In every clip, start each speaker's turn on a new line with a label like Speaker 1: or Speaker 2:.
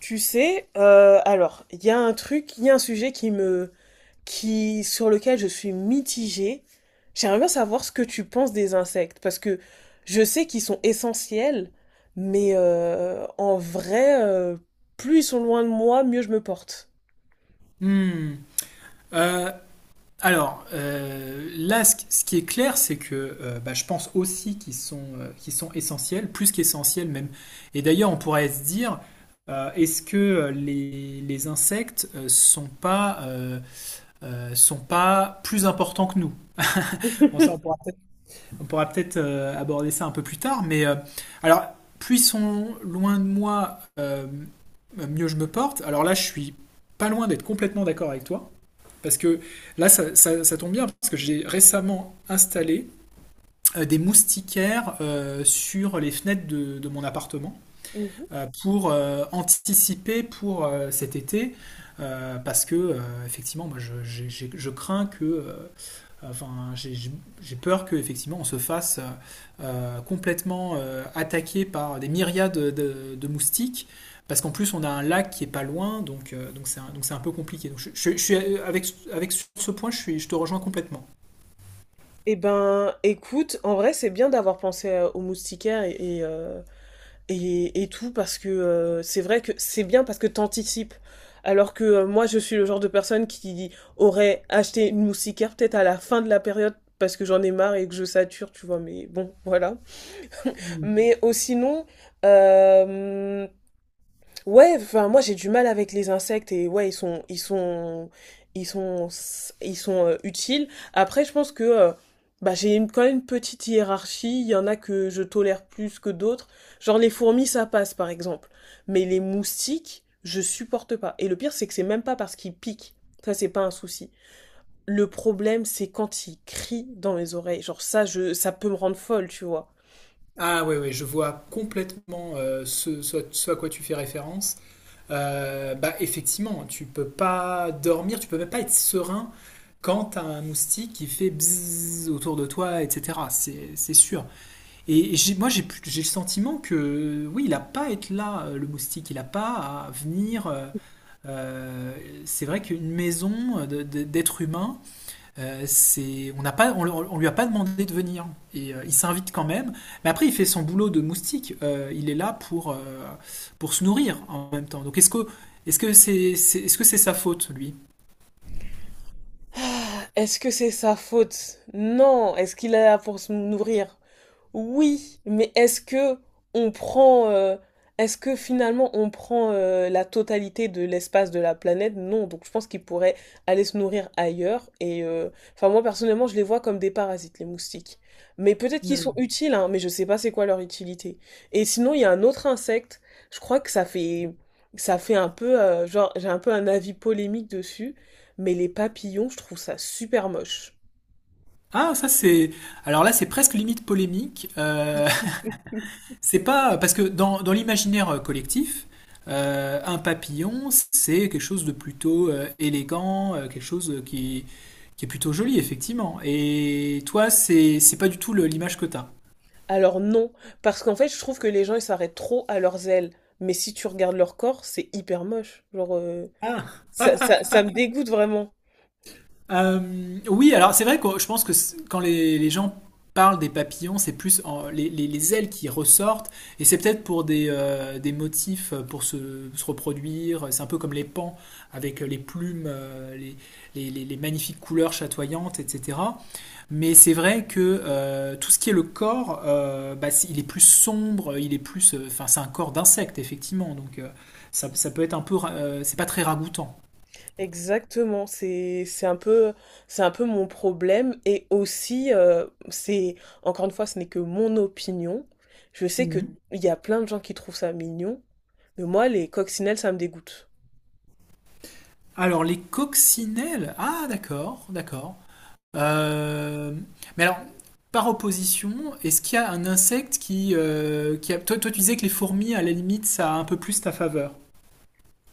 Speaker 1: Alors, il y a un truc, il y a un sujet qui me, qui, sur lequel je suis mitigée. J'aimerais bien savoir ce que tu penses des insectes, parce que je sais qu'ils sont essentiels, mais en vrai, plus ils sont loin de moi, mieux je me porte.
Speaker 2: Hmm. Euh, là, ce qui est clair, c'est que je pense aussi qu'ils sont essentiels, plus qu'essentiels même. Et d'ailleurs, on pourrait se dire, est-ce que les insectes sont pas plus importants que nous? Bon, ça, on pourra peut-être aborder ça un peu plus tard, mais alors, puissons loin de moi, mieux je me porte. Alors là, je suis pas loin d'être complètement d'accord avec toi. Parce que là, ça tombe bien, parce que j'ai récemment installé des moustiquaires sur les fenêtres de mon appartement
Speaker 1: Mhm.
Speaker 2: pour anticiper pour cet été. Parce que, effectivement, moi, je crains que enfin, j'ai peur que effectivement on se fasse complètement attaquer par des myriades de moustiques, parce qu'en plus on a un lac qui est pas loin, donc donc c'est un peu compliqué. Donc je suis avec avec sur ce point, je suis, je te rejoins complètement.
Speaker 1: Eh ben, écoute, en vrai, c'est bien d'avoir pensé aux moustiquaires et, euh, et tout parce que c'est vrai que c'est bien parce que t'anticipes. Alors que moi, je suis le genre de personne qui aurait acheté une moustiquaire peut-être à la fin de la période parce que j'en ai marre et que je sature, tu vois, mais bon, voilà. Mais oh, sinon, euh, ouais, enfin moi j'ai du mal avec les insectes et ouais ils sont ils sont utiles. Après je pense que bah quand même une petite hiérarchie, il y en a que je tolère plus que d'autres. Genre les fourmis ça passe par exemple, mais les moustiques, je supporte pas. Et le pire c'est que c'est même pas parce qu'ils piquent. Ça c'est pas un souci. Le problème c'est quand ils crient dans mes oreilles. Genre ça peut me rendre folle, tu vois.
Speaker 2: Ah oui, oui, je vois complètement ce à quoi tu fais référence. Bah effectivement, tu peux pas dormir, tu peux même pas être serein quand t'as un moustique qui fait bzzz autour de toi, etc. C'est sûr. Moi, j'ai le sentiment que, oui, il n'a pas à être là, le moustique. Il n'a pas à venir. Euh, c'est vrai qu'une maison d'êtres humains, on n'a pas, on lui a pas demandé de venir. Et il s'invite quand même. Mais après, il fait son boulot de moustique. Il est là pour se nourrir en même temps. Donc, est-ce que c'est sa faute, lui?
Speaker 1: Est-ce que c'est sa faute? Non, est-ce qu'il est là pour se nourrir? Oui, mais est-ce que on prend, est-ce que finalement on prend la totalité de l'espace de la planète? Non, donc je pense qu'ils pourraient aller se nourrir ailleurs. Et enfin moi personnellement, je les vois comme des parasites, les moustiques. Mais peut-être qu'ils sont
Speaker 2: Hmm.
Speaker 1: utiles, hein, mais je sais pas c'est quoi leur utilité. Et sinon, il y a un autre insecte. Je crois que ça fait un peu, genre j'ai un peu un avis polémique dessus, mais les papillons, je trouve ça super moche.
Speaker 2: Ah, ça c'est. Alors là, c'est presque limite polémique. C'est pas parce que dans l'imaginaire collectif, un papillon, c'est quelque chose de plutôt élégant, quelque chose qui est plutôt joli, effectivement. Et toi, c'est pas du tout l'image que t'as.
Speaker 1: Alors non, parce qu'en fait, je trouve que les gens, ils s'arrêtent trop à leurs ailes. Mais si tu regardes leur corps, c'est hyper moche. Genre, ça me dégoûte vraiment.
Speaker 2: Oui, alors c'est vrai que je pense que quand les gens parlent des papillons, c'est plus les ailes qui ressortent, et c'est peut-être pour des motifs pour se reproduire. C'est un peu comme les pans avec les plumes, les magnifiques couleurs chatoyantes, etc. Mais c'est vrai que tout ce qui est le corps, il est plus sombre, il est plus, enfin c'est un corps d'insecte effectivement, donc ça peut être un peu, c'est pas très ragoûtant.
Speaker 1: Exactement, c'est un peu mon problème et aussi c'est encore une fois ce n'est que mon opinion. Je sais que il y a plein de gens qui trouvent ça mignon, mais moi les coccinelles ça me dégoûte.
Speaker 2: Alors, les coccinelles. Ah, d'accord, d'accord. Euh, Mais alors, par opposition, est-ce qu'il y a un insecte qui a... Toi, toi, tu disais que les fourmis, à la limite, ça a un peu plus ta faveur.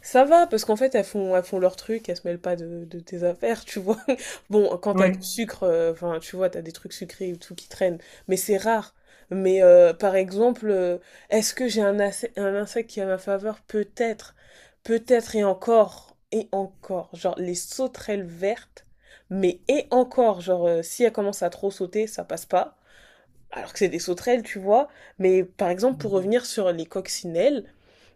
Speaker 1: Ça va, parce qu'en fait, elles font leur truc, elles se mêlent pas de, de tes affaires, tu vois. Bon, quand t'as
Speaker 2: Ouais.
Speaker 1: du sucre, enfin, tu vois, t'as des trucs sucrés ou tout qui traînent, mais c'est rare. Mais par exemple, est-ce que un insecte qui est à ma faveur? Peut-être, peut-être et encore, et encore. Genre, les sauterelles vertes, mais et encore, genre, si elles commencent à trop sauter, ça passe pas. Alors que c'est des sauterelles, tu vois. Mais par exemple, pour revenir sur les coccinelles,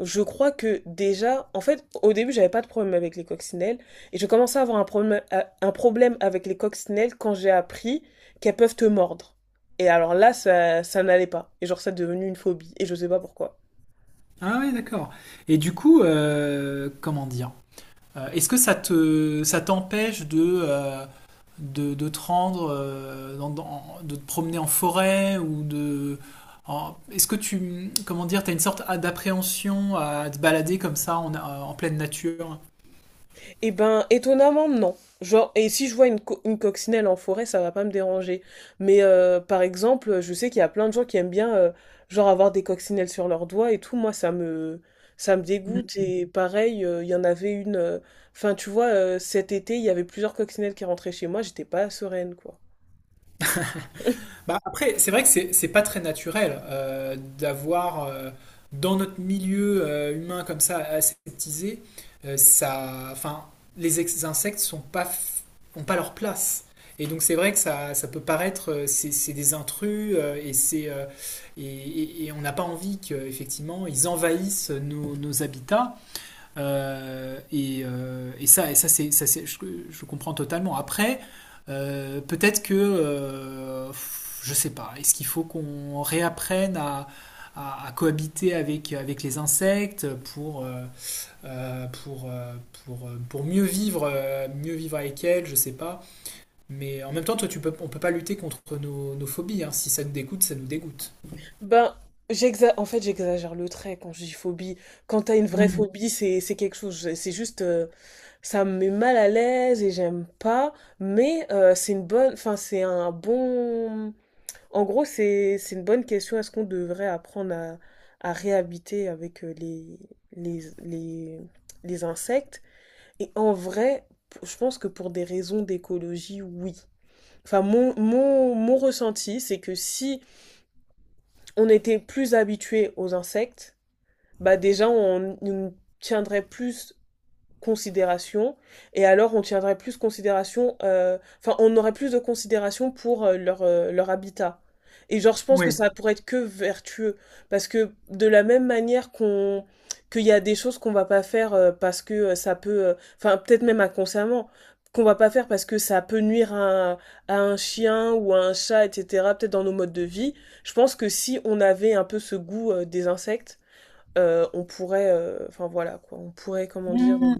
Speaker 1: je crois que déjà, en fait, au début, j'avais pas de problème avec les coccinelles. Et je commençais à avoir un problème, avec les coccinelles quand j'ai appris qu'elles peuvent te mordre. Et alors là, ça n'allait pas. Et genre, ça est devenu une phobie. Et je sais pas pourquoi.
Speaker 2: Ah oui, d'accord. Et du coup, comment dire? Est-ce que ça t'empêche de, de te rendre, de te promener en forêt ou de, est-ce que tu, comment dire, t'as une sorte d'appréhension à te balader comme ça en, en pleine nature?
Speaker 1: Eh ben, étonnamment, non. Genre, et si je vois une coccinelle en forêt, ça va pas me déranger. Mais par exemple, je sais qu'il y a plein de gens qui aiment bien, genre, avoir des coccinelles sur leurs doigts et tout. Ça me dégoûte. Et pareil, il y en avait une. Enfin, tu vois, cet été, il y avait plusieurs coccinelles qui rentraient chez moi. J'étais pas sereine, quoi.
Speaker 2: Bah, après, c'est vrai que c'est pas très naturel d'avoir dans notre milieu humain comme ça aseptisé, euh, ça, enfin, insectes sont pas f- ont pas leur place. Et donc c'est vrai que ça peut paraître, c'est des intrus et et- on n'a pas envie qu'effectivement ils envahissent nos habitats. Et ça c'est- Je comprends totalement. Après, peut-être que, je sais pas, est-ce qu'il faut qu'on réapprenne à, à cohabiter avec les insectes pour, euh, pour, euh, pour mieux vivre avec elles, je sais pas. Mais en même temps, toi, tu peux, on peut pas lutter contre nos phobies, hein. Si ça nous dégoûte, ça nous dégoûte.
Speaker 1: Ben, en fait, j'exagère le trait quand je dis phobie. Quand t'as une vraie phobie, c'est quelque chose. C'est juste, ça me met mal à l'aise et j'aime pas. Mais c'est un bon. En gros, c'est une bonne question. Est-ce qu'on devrait apprendre à réhabiter avec les les les insectes? Et en vrai, je pense que pour des raisons d'écologie, oui. Enfin, mon ressenti, c'est que si on était plus habitué aux insectes, bah déjà on nous tiendrait plus considération et alors on tiendrait plus considération on aurait plus de considération pour leur habitat. Et genre je pense que ça pourrait être que vertueux parce que de la même manière qu'il y a des choses qu'on va pas faire parce que ça peut enfin peut-être même inconsciemment qu'on va pas faire parce que ça peut nuire à un chien ou à un chat, etc., peut-être dans nos modes de vie. Je pense que si on avait un peu ce goût des insectes, on pourrait, enfin voilà quoi, on pourrait, comment dire,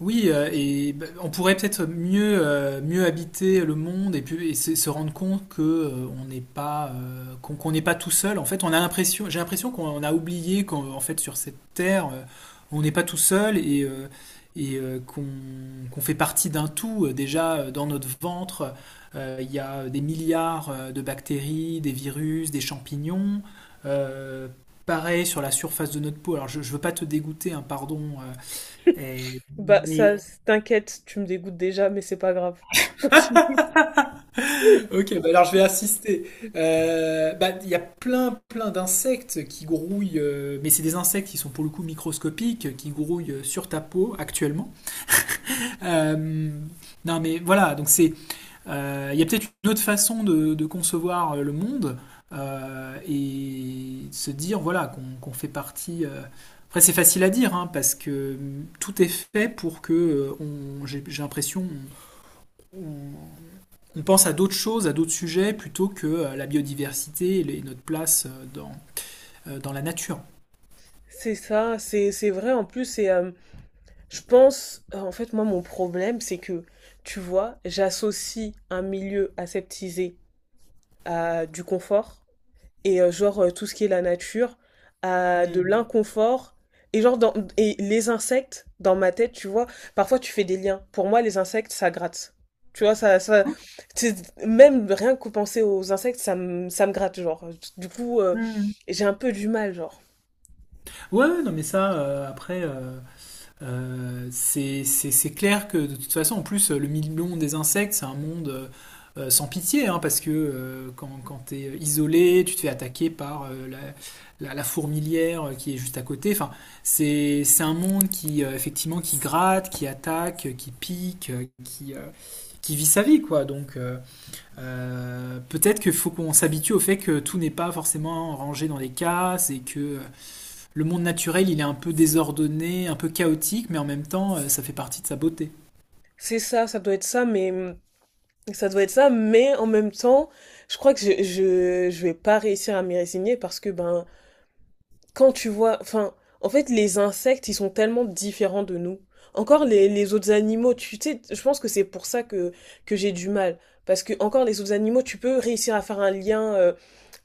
Speaker 2: Oui, on pourrait peut-être mieux, mieux habiter le monde et, puis, et se rendre compte que on n'est pas qu'on n'est pas tout seul. En fait, on a l'impression, j'ai l'impression qu'on a oublié qu'en en fait sur cette terre, on n'est pas tout seul et, qu'on qu'on fait partie d'un tout. Déjà dans notre ventre, il y a des milliards de bactéries, des virus, des champignons. Euh, Pareil sur la surface de notre peau. Alors je veux pas te dégoûter, hein, pardon, et-
Speaker 1: bah ça,
Speaker 2: mais
Speaker 1: t'inquiète, tu me dégoûtes déjà, mais c'est pas grave.
Speaker 2: Ok, bah alors je vais assister. Il y a plein, plein d'insectes qui grouillent, mais c'est des insectes qui sont pour le coup microscopiques, qui grouillent sur ta peau actuellement. Euh, non, mais voilà, donc c'est, il y a peut-être une autre façon de concevoir le monde et de se dire voilà qu'on qu'on fait partie. Après, c'est facile à dire hein, parce que tout est fait pour que j'ai l'impression, on pense à d'autres choses, à d'autres sujets, plutôt que la biodiversité et notre place dans la nature.
Speaker 1: C'est ça, c'est vrai en plus, et je pense, en fait, moi mon problème, c'est que, tu vois, j'associe un milieu aseptisé à du confort, et tout ce qui est la nature à de
Speaker 2: Mm.
Speaker 1: l'inconfort et genre dans et les insectes dans ma tête, tu vois, parfois tu fais des liens. Pour moi les insectes ça gratte, tu vois. Même rien que penser aux insectes ça me gratte. Genre du coup j'ai un peu du mal, genre
Speaker 2: Ouais, ouais, non, mais ça, c'est clair que de toute façon, en plus, le million des insectes, c'est un monde sans pitié, hein, parce que quand tu es isolé, tu te fais attaquer par la fourmilière qui est juste à côté. Enfin, c'est un monde qui, effectivement, qui gratte, qui attaque, qui pique, qui vit sa vie, quoi. Peut-être qu'il faut qu'on s'habitue au fait que tout n'est pas forcément rangé dans des cases et que le monde naturel, il est un peu désordonné, un peu chaotique, mais en même temps, ça fait partie de sa beauté.
Speaker 1: c'est ça, ça doit être ça mais ça doit être ça, mais en même temps je crois que je vais pas réussir à m'y résigner parce que ben quand tu vois, enfin, en fait, les insectes, ils sont tellement différents de nous. Encore les autres animaux, tu sais, je pense que c'est pour ça que j'ai du mal. Parce que, encore les autres animaux, tu peux réussir à faire un lien.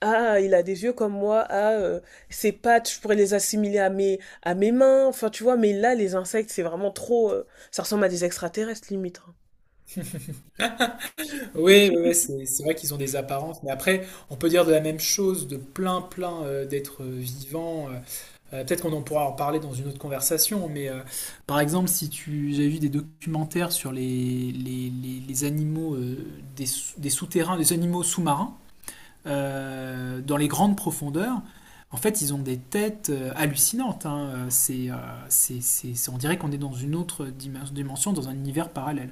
Speaker 1: Ah, il a des yeux comme moi. Ah, ses pattes, je pourrais les assimiler à mes mains. Enfin, tu vois, mais là, les insectes, c'est vraiment trop. Ça ressemble à des extraterrestres, limite, hein.
Speaker 2: Oui, oui, oui, c'est vrai qu'ils ont des apparences, mais après, on peut dire de la même chose de plein, plein d'êtres vivants. Peut-être qu'on en pourra en parler dans une autre conversation, mais par exemple, si tu, j'ai vu des documentaires sur les animaux des souterrains, des animaux sous-marins. Dans les grandes profondeurs, en fait, ils ont des têtes hallucinantes, hein. On dirait qu'on est dans une autre dimension, dans un univers parallèle.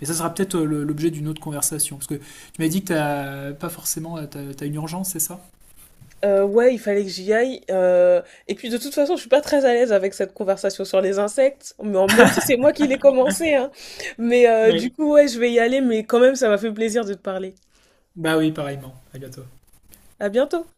Speaker 2: Mais ça sera peut-être l'objet d'une autre conversation. Parce que tu m'as dit que t'as pas forcément, t'as, t'as une urgence, c'est ça?
Speaker 1: Ouais, il fallait que j'y aille. Et puis de toute façon, je suis pas très à l'aise avec cette conversation sur les insectes, mais même si c'est moi qui l'ai commencé, hein. Mais
Speaker 2: Oui.
Speaker 1: ouais, je vais y aller, mais quand même, ça m'a fait plaisir de te parler.
Speaker 2: Bah oui, pareillement. À bientôt.
Speaker 1: À bientôt.